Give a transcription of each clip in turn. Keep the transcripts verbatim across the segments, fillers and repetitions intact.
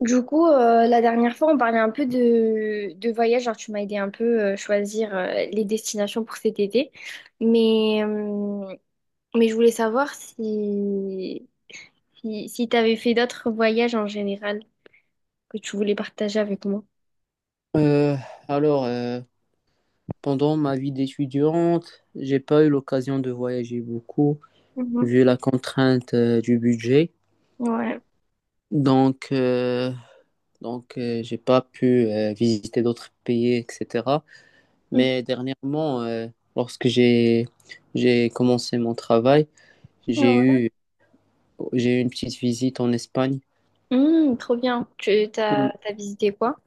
Du coup, euh, la dernière fois, on parlait un peu de, de voyage. Genre, tu m'as aidé un peu euh, choisir euh, les destinations pour cet été. Mais, euh, mais je voulais savoir si, si, si tu avais fait d'autres voyages en général que tu voulais partager avec moi. Euh, alors, euh, Pendant ma vie d'étudiante, j'ai pas eu l'occasion de voyager beaucoup Mhm. vu la contrainte euh, du budget. Ouais. Donc, euh, donc euh, j'ai pas pu euh, visiter d'autres pays, et cætera. Mhm. Mais dernièrement, euh, lorsque j'ai j'ai commencé mon travail, j'ai Ouais. eu j'ai eu une petite visite en Espagne. Hum, trop bien. Tu t'as, t'as visité quoi?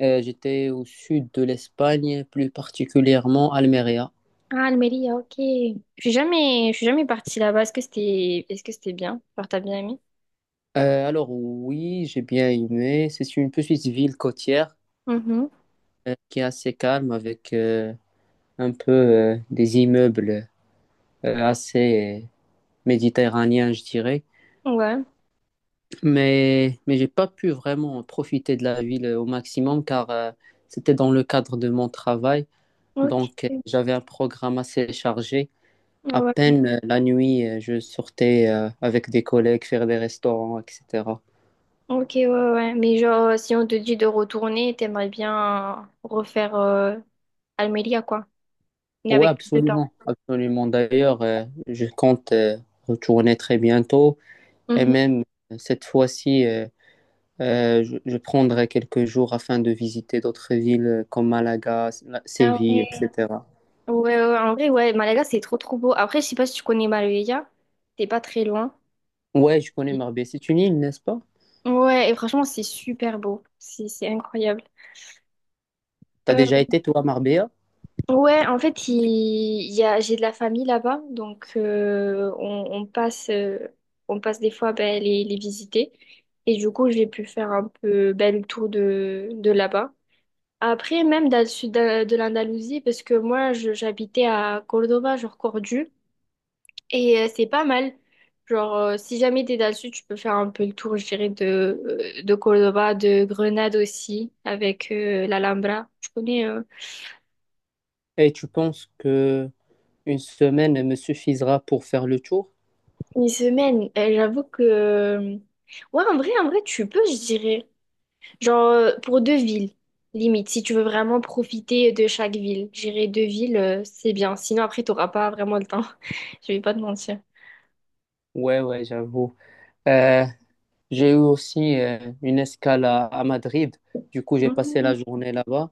Euh, j'étais au sud de l'Espagne, plus particulièrement Almeria. Ah, Almeria, ok. Je suis jamais, je suis jamais partie là-bas. Est-ce que c'était, est-ce que c'était bien? Genre, t'as bien aimé? Euh, alors oui, j'ai bien aimé. C'est une petite ville côtière Mhm. euh, qui est assez calme avec euh, un peu euh, des immeubles euh, assez euh, méditerranéens, je dirais. Ouais. Mais mais j'ai pas pu vraiment profiter de la ville au maximum car euh, c'était dans le cadre de mon travail. Donc Ok. euh, j'avais un programme assez chargé. À Ouais. peine euh, la nuit, euh, je sortais euh, avec des collègues faire des restaurants, et cætera. Ok, ouais, ouais. Ouais. Mais genre, euh, si on te dit de retourner, t'aimerais bien refaire euh, Almeria, quoi. Mais Oui, avec plus de temps. absolument, absolument. D'ailleurs, euh, je compte euh, retourner très bientôt et Mhm. même euh, cette fois-ci, euh, euh, je, je prendrai quelques jours afin de visiter d'autres villes euh, comme Malaga, S- la- Ah Séville, ouais. et cætera. Ouais, ouais, ouais. En vrai, ouais, Malaga, c'est trop, trop beau. Après, je sais pas si tu connais Marbella. T'es pas très loin. Ouais, je connais Marbella. C'est une île, n'est-ce pas? Ouais, et franchement, c'est super beau. C'est, c'est incroyable. T'as Euh, déjà été, toi, à Marbella? ouais, en fait, il, il y a, j'ai de la famille là-bas. Donc, euh, on, on passe, euh, on passe des fois ben, les, les visiter. Et du coup, j'ai pu faire un peu ben, le tour de, de là-bas. Après, même dans le sud de, de l'Andalousie, parce que moi, je- j'habitais à Cordoba, genre Cordoue, et euh, c'est pas mal. Genre, euh, si jamais t'es dans le sud, tu peux faire un peu le tour, je dirais, de, euh, de Cordoba, de Grenade aussi, avec euh, l'Alhambra. Je connais euh, Et tu penses que une semaine me suffisera pour faire le tour? une semaine. Euh, j'avoue que, euh, ouais, en vrai, en vrai, tu peux, je dirais. Genre, euh, pour deux villes, limite, si tu veux vraiment profiter de chaque ville. Je dirais deux villes, euh, c'est bien. Sinon, après, t'auras pas vraiment le temps. Je vais pas te mentir. Ouais, ouais, j'avoue. Euh, j'ai eu aussi euh, une escale à à Madrid. Du coup, j'ai passé la Mhm. journée là-bas.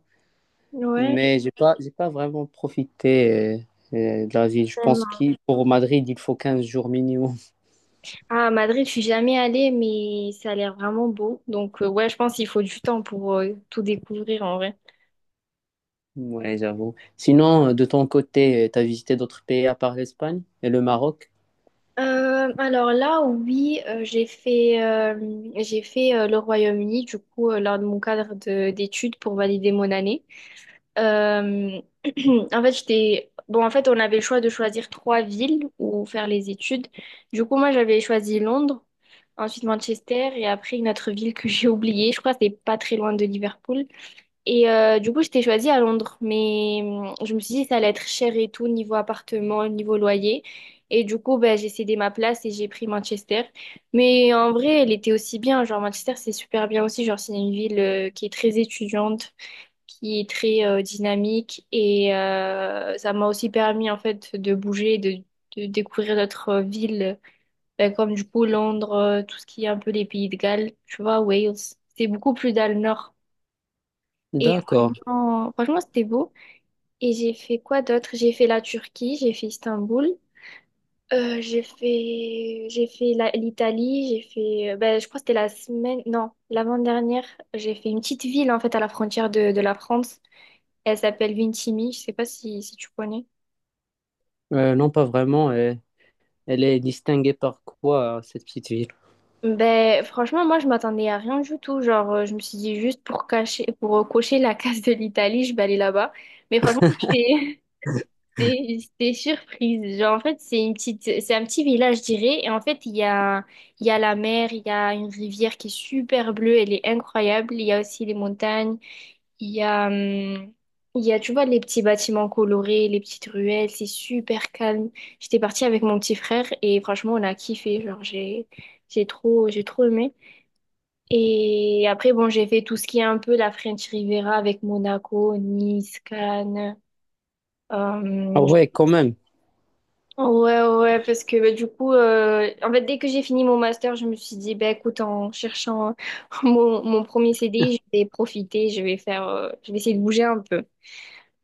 Ouais, Mais j'ai pas, j'ai pas vraiment profité euh, euh, de la ville. Je pense tellement. qu'il pour Madrid, il faut quinze jours minimum. Ah, Madrid, je suis jamais allée, mais ça a l'air vraiment beau. Donc, euh, ouais, je pense qu'il faut du temps pour euh, tout découvrir en vrai. Ouais, j'avoue. Sinon, euh, de ton côté, tu as visité d'autres pays à part l'Espagne et le Maroc? Euh, alors là, oui, euh, j'ai fait, euh, j'ai fait euh, le Royaume-Uni, du coup, euh, lors de mon cadre de- d'études pour valider mon année. Euh, En fait, j'étais. Bon, en fait, on avait le choix de choisir trois villes où faire les études. Du coup, moi, j'avais choisi Londres, ensuite Manchester, et après une autre ville que j'ai oubliée. Je crois que c'est pas très loin de Liverpool. Et euh, du coup, j'étais choisie à Londres, mais hum, je me suis dit que ça allait être cher et tout, niveau appartement, niveau loyer. Et du coup, ben, j'ai cédé ma place et j'ai pris Manchester. Mais en vrai, elle était aussi bien. Genre, Manchester, c'est super bien aussi. Genre, c'est une ville euh, qui est très étudiante, qui est très euh, dynamique. Et euh, ça m'a aussi permis, en fait, de bouger, de, de découvrir d'autres euh, villes, ben, comme du coup Londres, euh, tout ce qui est un peu les pays de Galles, tu vois, Wales. C'est beaucoup plus dans le nord. Et D'accord. franchement, franchement, c'était beau. Et j'ai fait quoi d'autre? J'ai fait la Turquie, j'ai fait Istanbul, euh, j'ai fait, j'ai fait la- l'Italie, j'ai fait, euh, ben, je crois que c'était la semaine, non, l'avant-dernière, j'ai fait une petite ville en fait à la frontière de, de la France. Elle s'appelle Vintimille, je sais pas si, si tu connais. Euh, non, pas vraiment. Euh, elle est distinguée par quoi, cette petite ville? Ben, franchement, moi, je m'attendais à rien du tout. Genre, euh, je me suis dit juste pour cacher, pour euh, cocher la case de l'Italie, je vais aller là-bas. Mais franchement, c'est- J'étais j'étais surprise. Genre, en fait, c'est une petite, c'est un petit village, je dirais. Et en fait, il y a, il y a la mer, il y a une rivière qui est super bleue, elle est incroyable. Il y a aussi les montagnes. Il y a, hum, il y a, tu vois, les petits bâtiments colorés, les petites ruelles, c'est super calme. J'étais partie avec mon petit frère et franchement, on a kiffé. Genre, j'ai, j'ai trop, j'ai trop aimé. Et après, bon, j'ai fait tout ce qui est un peu la French Riviera avec Monaco, Nice, Cannes. Ah Euh, ouais, quand même. Ouais, ouais, ouais, parce que bah, du coup, euh, en fait, dès que j'ai fini mon master, je me suis dit, bah, écoute, en cherchant euh, mon, mon premier C D I, je vais profiter, je vais faire, euh, je vais essayer de bouger un peu.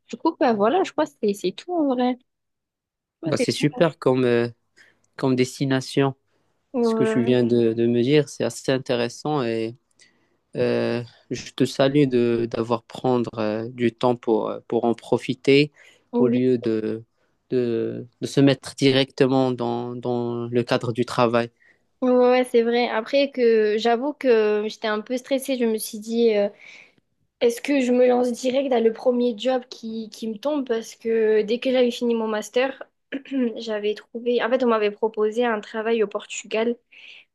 Du coup, bah, voilà, je crois que c'est c'est tout en vrai. Je crois que Bah, c'est c'est tout. super comme, euh, comme destination. Ce que tu Ouais, viens de, de me dire, c'est assez intéressant et Euh, je te salue de d'avoir prendre euh, du temps pour, euh, pour en profiter au oui, lieu de, de, de se mettre directement dans, dans le cadre du travail. ouais, ouais, ouais, c'est vrai. Après que j'avoue que j'étais un peu stressée, je me suis dit, euh, est-ce que je me lance direct dans le premier job qui, qui me tombe? Parce que dès que j'avais fini mon master, j'avais trouvé, en fait, on m'avait proposé un travail au Portugal.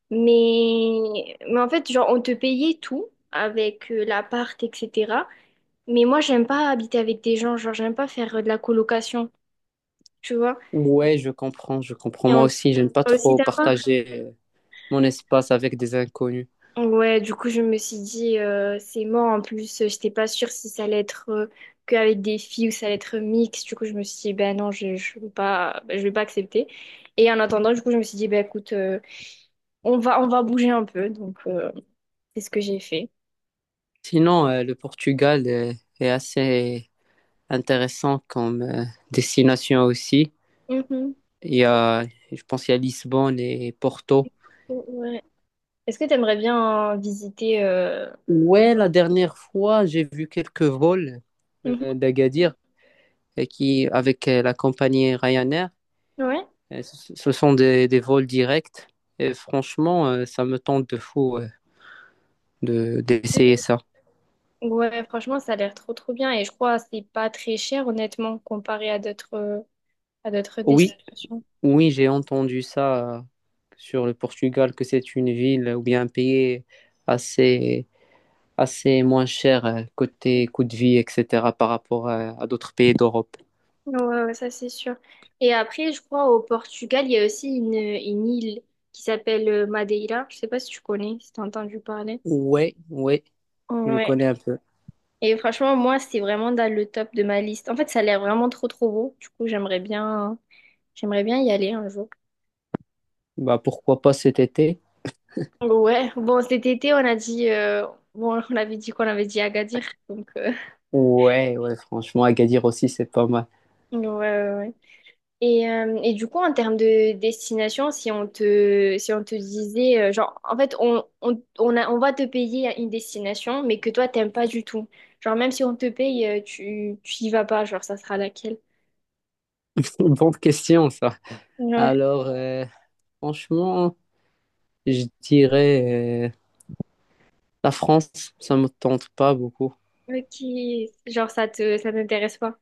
Mais, mais en fait, genre, on te payait tout avec euh, l'appart, et cetera. Mais moi, j'aime pas habiter avec des gens, genre, j'aime pas faire euh, de la colocation, tu vois. Ouais, je comprends, je comprends. Et Moi on aussi, j'aime pas peut aussi trop t'avoir. partager euh, mon espace avec des inconnus. Ouais, du coup, je me suis dit, euh, c'est mort. En plus, euh, j'étais pas sûre si ça allait être euh, qu'avec des filles ou ça allait être mixte. Du coup, je me suis dit, ben non, je, je veux pas, ben, je vais pas accepter. Et en attendant, du coup, je me suis dit, ben écoute, euh, on va, on va bouger un peu. Donc, euh, c'est ce que j'ai fait. Sinon, euh, le Portugal euh, est assez intéressant comme euh, destination aussi. Mhm. Il y a, je pense, il y a Lisbonne et Porto. Ouais. Est-ce que tu aimerais bien visiter euh, Ouais, la dernière fois, j'ai vu quelques vols euh, Mhm. d'Agadir euh, qui, avec euh, la compagnie Ryanair. Ouais. Euh, ce ce sont des, des vols directs. Et franchement, euh, ça me tente de fou euh, de, d'essayer ça. Ouais, franchement, ça a l'air trop trop bien et je crois que c'est pas très cher honnêtement comparé à d'autres à d'autres Oui, destinations. oui, j'ai entendu ça euh, sur le Portugal, que c'est une ville ou bien un pays assez, assez moins cher euh, côté coût de vie, et cætera, par rapport à, à d'autres pays d'Europe. Ouais, ouais, ça c'est sûr. Et après, je crois au Portugal, il y a aussi une, une île qui s'appelle euh, Madeira. Je sais pas si tu connais, si t'as entendu parler. Ouais, ouais, je Ouais. connais un peu. Et franchement, moi, c'est vraiment dans le top de ma liste. En fait, ça a l'air vraiment trop trop beau. Du coup, j'aimerais bien j'aimerais bien y aller un jour. Bah, pourquoi pas cet été? Ouais, bon, cet été, on a dit, euh, bon, on avait dit qu'on avait dit Agadir, donc, euh, Ouais, ouais, franchement, Agadir aussi, c'est pas mal. ouais, ouais, ouais. Et, euh, et du coup, en termes de destination, si on te, si on te disait, euh, genre, en fait, on, on, on a, on va te payer une destination, mais que toi, t'aimes pas du tout. Genre, même si on te paye, euh, tu, tu y vas pas, genre, ça sera laquelle? Bonne question, ça. Ouais. Alors, euh, franchement, je dirais euh, la France, ça me tente pas beaucoup. Ok, genre, ça te, ça t'intéresse pas?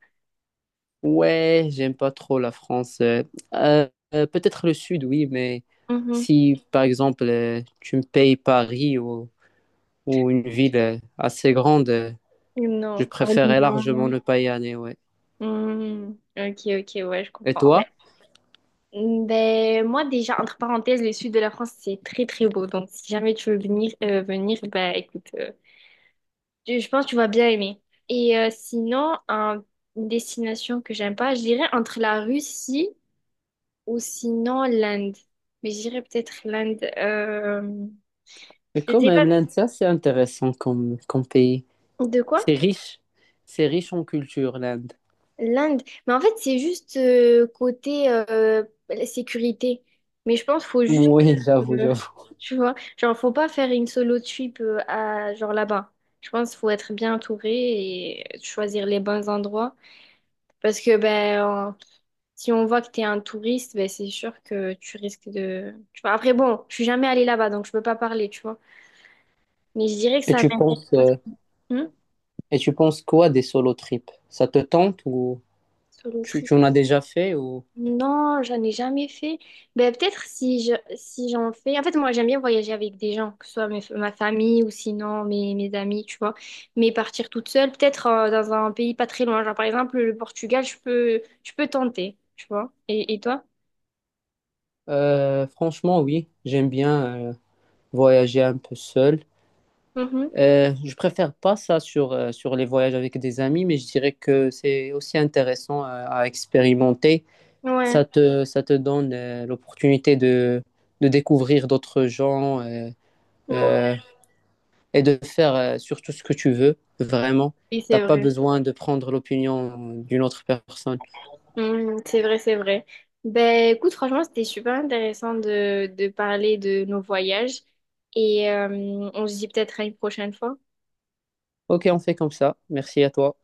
Ouais, j'aime pas trop la France. Euh, euh, euh, Peut-être le Sud, oui, mais Mhm. si, par exemple, euh, tu me payes Paris ou, ou une ville euh, assez grande, euh, je Non. Par préférerais largement Lyon. ne pas y aller, ouais. Mhm. Ok, ok, ouais, je Et comprends. Ben. toi? Mm, Ben, moi, déjà, entre parenthèses, le sud de la France, c'est très, très beau. Donc, si jamais tu veux venir, euh, venir, ben, écoute, euh, je je pense que tu vas bien aimer. Et euh, sinon, un- une destination que j'aime pas, je dirais entre la Russie ou sinon l'Inde. Mais je dirais peut-être l'Inde. Euh, Mais Je quand sais pas même, l'Inde, ça, c'est intéressant comme, comme pays. de quoi? C'est riche, c'est riche en culture, l'Inde. L'Inde, mais en fait, c'est juste euh, côté euh, la sécurité. Mais je pense qu'il faut juste, Oui, j'avoue, euh, j'avoue. tu vois, genre, faut pas faire une solo trip euh, à, genre là-bas. Je pense qu'il faut être bien entouré et choisir les bons endroits. Parce que ben, en- si on voit que tu es un touriste, ben, c'est sûr que tu risques de. Tu vois, après, bon, je suis jamais allée là-bas, donc je peux pas parler, tu vois. Mais je dirais que Et ça tu m'intéresse penses, pas euh, trop. Hmm. et tu penses quoi des solo trips? Ça te tente ou Solo tu, trip. tu en as déjà fait ou Non, j'en ai jamais fait. Ben, peut-être si je, si j'en fais. En fait, moi, j'aime bien voyager avec des gens, que ce soit mes- ma famille ou sinon mes, mes amis, tu vois. Mais partir toute seule, peut-être euh, dans un pays pas très loin. Genre, par exemple, le Portugal, je peux, je peux tenter, tu vois. Et, et toi? Euh, franchement, oui, j'aime bien euh, voyager un peu seul. Mhm. Euh, je préfère pas ça sur, euh, sur les voyages avec des amis, mais je dirais que c'est aussi intéressant euh, à expérimenter. Ouais, Ça te, ça te donne euh, l'opportunité de, de découvrir d'autres gens. euh, ouais. euh, et de faire euh, surtout ce que tu veux, vraiment. Oui, c'est T'as pas vrai. besoin de prendre l'opinion d'une autre personne. Mhm, c'est vrai, c'est vrai. Ben, écoute, franchement, c'était super intéressant de, de parler de nos voyages. Et euh, on se dit peut-être à une prochaine fois. Ok, on fait comme ça. Merci à toi.